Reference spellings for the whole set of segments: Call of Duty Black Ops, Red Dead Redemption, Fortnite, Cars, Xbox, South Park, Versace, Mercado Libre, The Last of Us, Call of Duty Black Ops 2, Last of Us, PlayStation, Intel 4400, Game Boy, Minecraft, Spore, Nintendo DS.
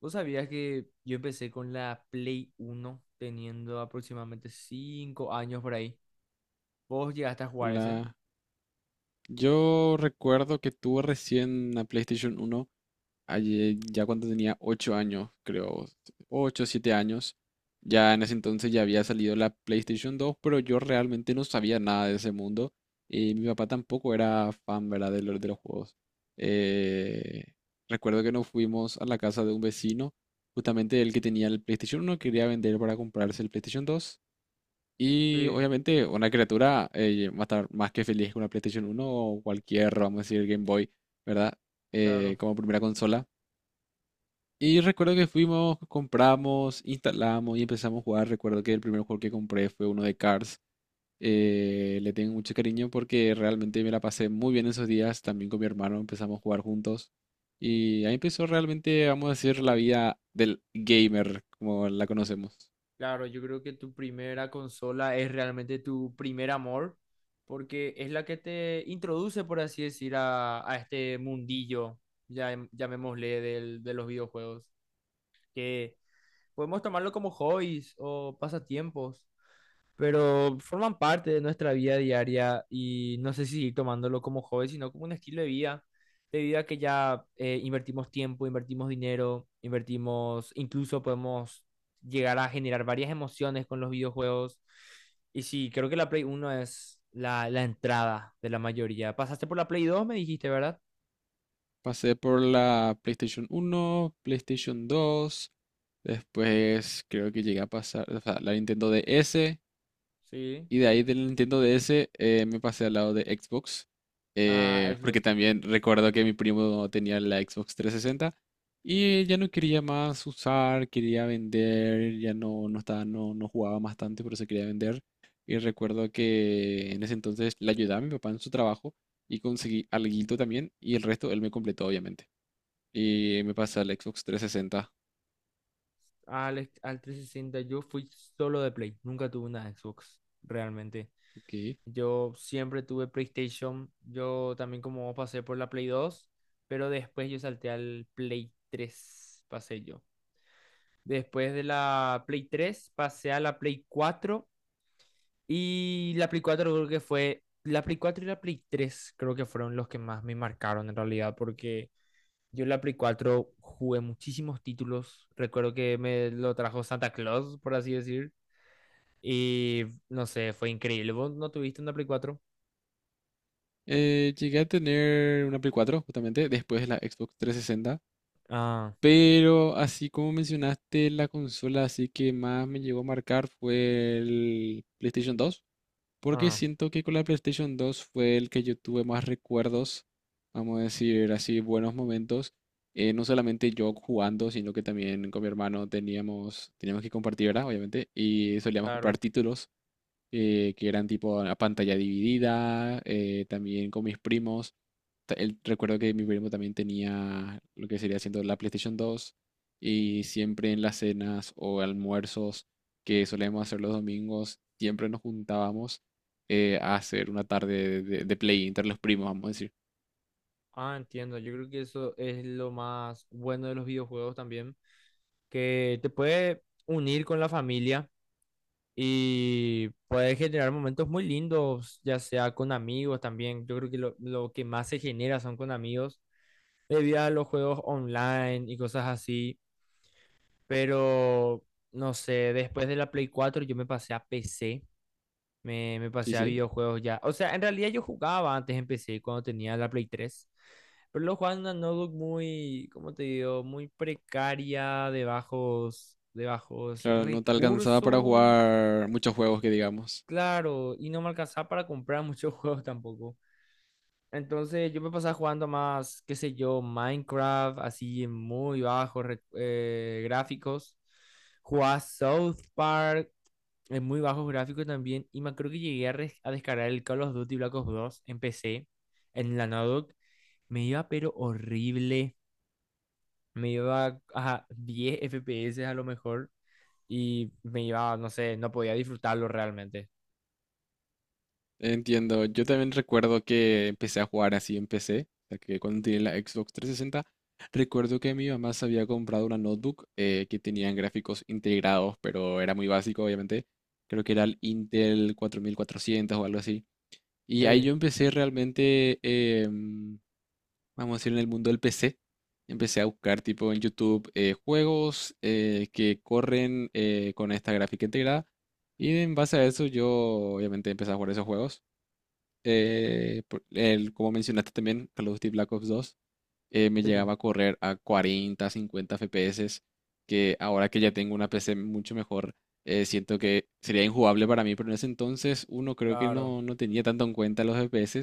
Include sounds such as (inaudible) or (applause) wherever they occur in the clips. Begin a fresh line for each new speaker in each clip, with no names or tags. ¿Vos sabías que yo empecé con la Play uno teniendo aproximadamente 5 años por ahí? ¿Vos llegaste a jugar ese?
La... Yo recuerdo que tuve recién la PlayStation 1 allí ya cuando tenía 8 años, creo, 8 o 7 años. Ya en ese entonces ya había salido la PlayStation 2, pero yo realmente no sabía nada de ese mundo. Y mi papá tampoco era fan, ¿verdad? De los juegos. Eh, Recuerdo que nos fuimos a la casa de un vecino, justamente el que tenía el PlayStation uno quería vender para comprarse el PlayStation dos. Y
Sí,
obviamente una criatura va a estar más que feliz con una PlayStation uno o cualquier, vamos a decir, Game Boy, ¿verdad?
claro.
Como primera consola. Y recuerdo que fuimos, compramos, instalamos y empezamos a jugar. Recuerdo que el primer juego que compré fue uno de Cars. Le tengo mucho cariño porque realmente me la pasé muy bien esos días. También con mi hermano empezamos a jugar juntos. Y ahí empezó realmente, vamos a decir, la vida del gamer, como la conocemos.
Claro, yo creo que tu primera consola es realmente tu primer amor, porque es la que te introduce, por así decir, a este mundillo, ya, llamémosle, de los videojuegos, que podemos tomarlo como hobbies o pasatiempos, pero forman parte de nuestra vida diaria y no sé si seguir tomándolo como hobby, sino como un estilo de vida que ya invertimos tiempo, invertimos dinero, invertimos, incluso podemos llegar a generar varias emociones con los videojuegos. Y sí, creo que la Play uno es la entrada de la mayoría. Pasaste por la Play 2 me dijiste, ¿verdad?
Pasé por la PlayStation uno, PlayStation dos, después creo que llegué a pasar, o sea, la Nintendo DS,
Sí,
y de ahí del Nintendo DS me pasé al lado de Xbox,
a
porque
Xbox.
también recuerdo que mi primo tenía la Xbox 360 y ya no quería más usar, quería vender, ya no, no estaba, no jugaba más tanto, pero se quería vender. Y recuerdo que en ese entonces le ayudaba a mi papá en su trabajo y conseguí alguito también y el resto él me completó, obviamente. Y me pasé al Xbox 360.
Al, al 360 yo fui solo de Play, nunca tuve una Xbox, realmente.
OK.
Yo siempre tuve PlayStation. Yo también como vos pasé por la Play 2, pero después yo salté al Play 3, pasé yo. Después de la Play 3 pasé a la Play 4 y la Play 4 creo que fue, la Play 4 y la Play 3 creo que fueron los que más me marcaron en realidad porque yo en la Play 4 jugué muchísimos títulos. Recuerdo que me lo trajo Santa Claus, por así decir. Y no sé, fue increíble. ¿Vos no tuviste una Play 4?
Llegué a tener una Play 4, justamente, después de la Xbox 360.
Ah,
Pero así como mencionaste, la consola así que más me llegó a marcar fue el PlayStation 2. Porque
ah.
siento que con la PlayStation 2 fue el que yo tuve más recuerdos, vamos a decir así, buenos momentos. No solamente yo jugando, sino que también con mi hermano teníamos que compartir, ¿verdad? Obviamente. Y solíamos comprar
Claro.
títulos que eran tipo a pantalla dividida, también con mis primos. Recuerdo que mi primo también tenía lo que sería siendo la PlayStation 2 y siempre en las cenas o almuerzos que solemos hacer los domingos, siempre nos juntábamos a hacer una tarde de, de play entre los primos, vamos a decir.
Ah, entiendo. Yo creo que eso es lo más bueno de los videojuegos también, que te puede unir con la familia y puede generar momentos muy lindos, ya sea con amigos también. Yo creo que lo que más se genera son con amigos, debido a los juegos online y cosas así. Pero, no sé, después de la Play 4 yo me pasé a PC. Me
Sí,
pasé a
sí.
videojuegos ya. O sea, en realidad yo jugaba antes, empecé cuando tenía la Play tres. Pero lo jugaba en una notebook muy, ¿cómo te digo? Muy precaria, de de bajos
Claro, no te alcanzaba para
recursos.
jugar muchos juegos que digamos.
Claro, y no me alcanzaba para comprar muchos (laughs) juegos tampoco. Entonces yo me pasaba jugando más, qué sé yo, Minecraft, así en muy bajos gráficos. Jugaba South Park, es muy bajos gráficos también. Y me creo que llegué a, a descargar el Call of Duty Black Ops dos en PC, en la Naudoc. Me iba pero horrible. Me iba a 10 FPS a lo mejor. Y me iba, no sé, no podía disfrutarlo realmente.
Entiendo, yo también recuerdo que empecé a jugar así en PC, o sea que cuando tenía la Xbox 360, recuerdo que mi mamá se había comprado una notebook que tenían gráficos integrados, pero era muy básico, obviamente, creo que era el Intel 4400 o algo así, y ahí
Sí,
yo empecé realmente, vamos a decir, en el mundo del PC, empecé a buscar tipo en YouTube juegos que corren con esta gráfica integrada, y en base a eso yo obviamente empecé a jugar esos juegos como mencionaste también, Call of Duty Black Ops 2, me
sí,
llegaba a correr a 40, 50 FPS, que ahora que ya tengo una PC mucho mejor, siento que sería injugable para mí, pero en ese entonces uno creo que
claro.
no, tenía tanto en cuenta los FPS,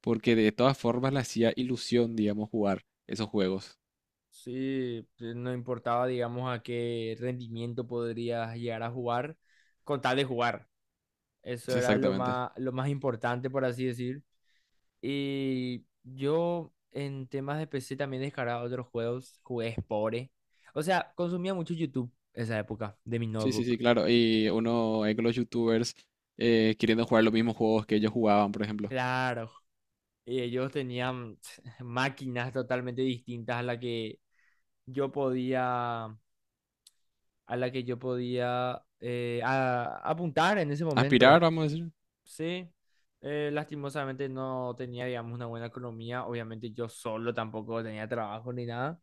porque de todas formas le hacía ilusión, digamos, jugar esos juegos.
Sí, pues, no importaba, digamos, a qué rendimiento podrías llegar a jugar, con tal de jugar. Eso
Sí,
era
exactamente.
lo más importante, por así decir. Y yo en temas de PC también descargaba otros juegos, jugué Spore. O sea, consumía mucho YouTube esa época de mi
Sí, sí, sí,
notebook.
claro. Y uno ve que los youtubers queriendo jugar los mismos juegos que ellos jugaban, por ejemplo.
Claro. Y ellos tenían (sniffs) (tsk) máquinas totalmente distintas a la que yo podía, a la que yo podía apuntar en ese
Aspirar,
momento.
vamos a decir.
Sí, lastimosamente no tenía, digamos, una buena economía. Obviamente yo solo tampoco tenía trabajo ni nada.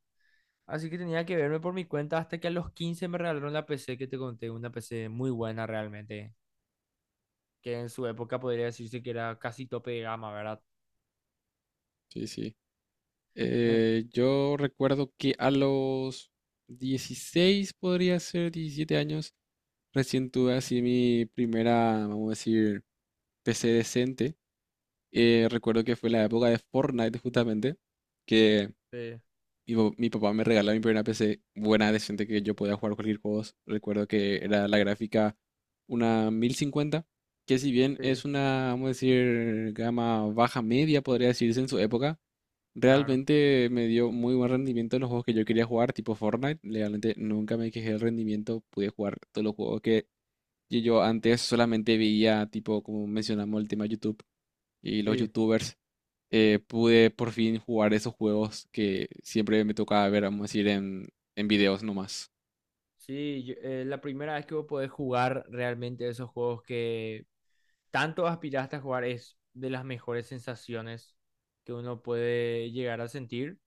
Así que tenía que verme por mi cuenta hasta que a los 15 me regalaron la PC que te conté, una PC muy buena realmente, que en su época podría decirse que era casi tope de gama, ¿verdad?
Sí, sí.
Eh,
Yo recuerdo que a los 16, podría ser 17 años, recién tuve así mi primera, vamos a decir, PC decente. Recuerdo que fue la época de Fortnite justamente, que
sí,
mi papá me regaló mi primera PC buena, decente, que yo podía jugar cualquier juego. Recuerdo que era la gráfica 1050, que si bien
sí,
es una, vamos a decir, gama baja media, podría decirse en su época.
claro.
Realmente me dio muy buen rendimiento en los juegos que yo quería jugar, tipo Fortnite. Realmente nunca me quejé del rendimiento. Pude jugar todos los juegos que yo antes solamente veía, tipo, como mencionamos, el tema YouTube y los
Sí,
YouTubers. Pude por fin jugar esos juegos que siempre me tocaba ver, vamos a decir, en videos nomás.
sí, la primera vez que vos podés jugar realmente esos juegos que tanto aspiraste a jugar es de las mejores sensaciones que uno puede llegar a sentir.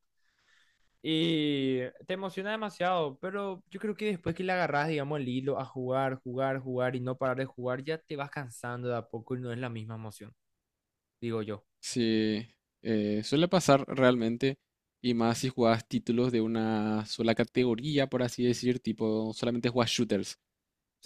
Y te emociona demasiado, pero yo creo que después que le agarras, digamos, el hilo a jugar, jugar, jugar y no parar de jugar, ya te vas cansando de a poco y no es la misma emoción, digo yo.
Sí, suele pasar realmente. Y más si juegas títulos de una sola categoría, por así decir, tipo, solamente juegas shooters.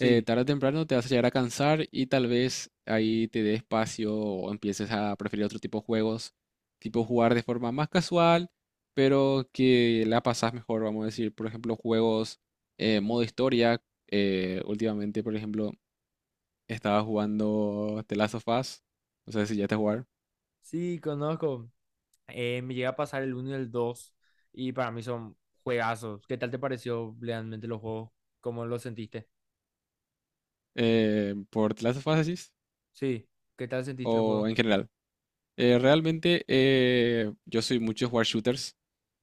Tarde o temprano te vas a llegar a cansar y tal vez ahí te dé espacio o empieces a preferir otro tipo de juegos, tipo jugar de forma más casual, pero que la pasás mejor, vamos a decir, por ejemplo, juegos modo historia. Últimamente, por ejemplo, estaba jugando The Last of Us, no sé si ya te jugar,
sí, conozco. Me llega a pasar el uno y el 2 y para mí son juegazos. ¿Qué tal te pareció realmente los juegos? ¿Cómo lo sentiste?
por The Last of Us decís,
Sí, ¿qué tal sentiste el
o
juego?
en general. Realmente yo soy mucho de jugar shooters,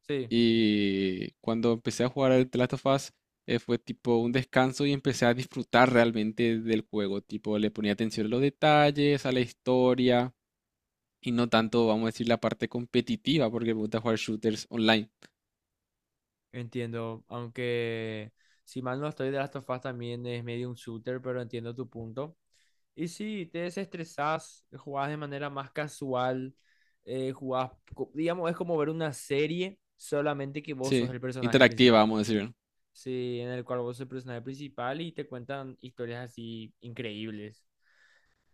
Sí,
y cuando empecé a jugar al The Last of Us, fue tipo un descanso y empecé a disfrutar realmente del juego. Tipo, le ponía atención a los detalles, a la historia y no tanto, vamos a decir, la parte competitiva, porque me gusta jugar shooters online.
entiendo, aunque si mal no estoy, de Last of Us también es medio un shooter, pero entiendo tu punto. Y sí, te desestresás, jugás de manera más casual, jugás, digamos, es como ver una serie, solamente que vos sos
Sí,
el personaje
interactiva,
principal.
vamos a decir. ¿No?
Sí, en el cual vos sos el personaje principal y te cuentan historias así increíbles.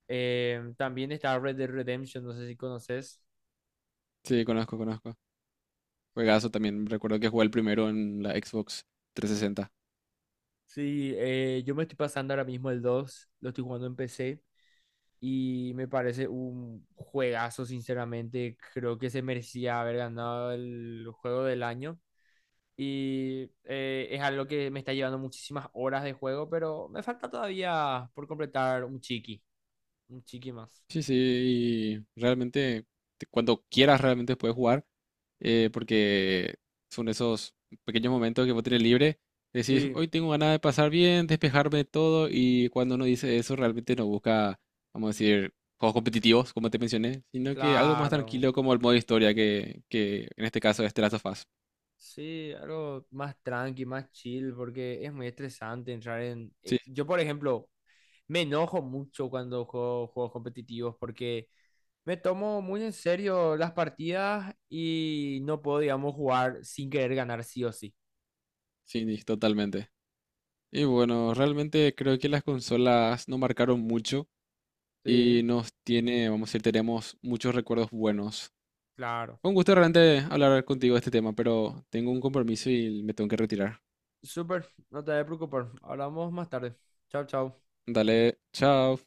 También está Red Dead Redemption, no sé si conoces.
Sí, conozco, conozco. Juegazo también. Recuerdo que jugué el primero en la Xbox 360.
Sí, yo me estoy pasando ahora mismo el dos, lo estoy jugando en PC y me parece un juegazo, sinceramente. Creo que se merecía haber ganado el juego del año. Y es algo que me está llevando muchísimas horas de juego, pero me falta todavía por completar un un chiqui más.
Sí, sí, y realmente cuando quieras realmente puedes jugar, porque son esos pequeños momentos que vos tenés libre, decís,
Sí.
hoy tengo ganas de pasar bien, despejarme de todo, y cuando uno dice eso realmente no busca, vamos a decir, juegos competitivos, como te mencioné, sino que algo más
Claro,
tranquilo como el modo historia, que en este caso es The Last of Us.
sí, algo más tranqui, más chill, porque es muy estresante entrar en...
Sí,
Yo, por ejemplo, me enojo mucho cuando juego juegos competitivos porque me tomo muy en serio las partidas y no puedo, digamos, jugar sin querer ganar sí o sí.
sí, sí, totalmente. Y bueno, realmente creo que las consolas no marcaron mucho
Sí.
y nos tiene, vamos a decir, tenemos muchos recuerdos buenos.
Claro.
Fue un gusto realmente hablar contigo de este tema, pero tengo un compromiso y me tengo que retirar.
Súper, no te preocupes. Hablamos más tarde. Chao, chao.
Dale, chao.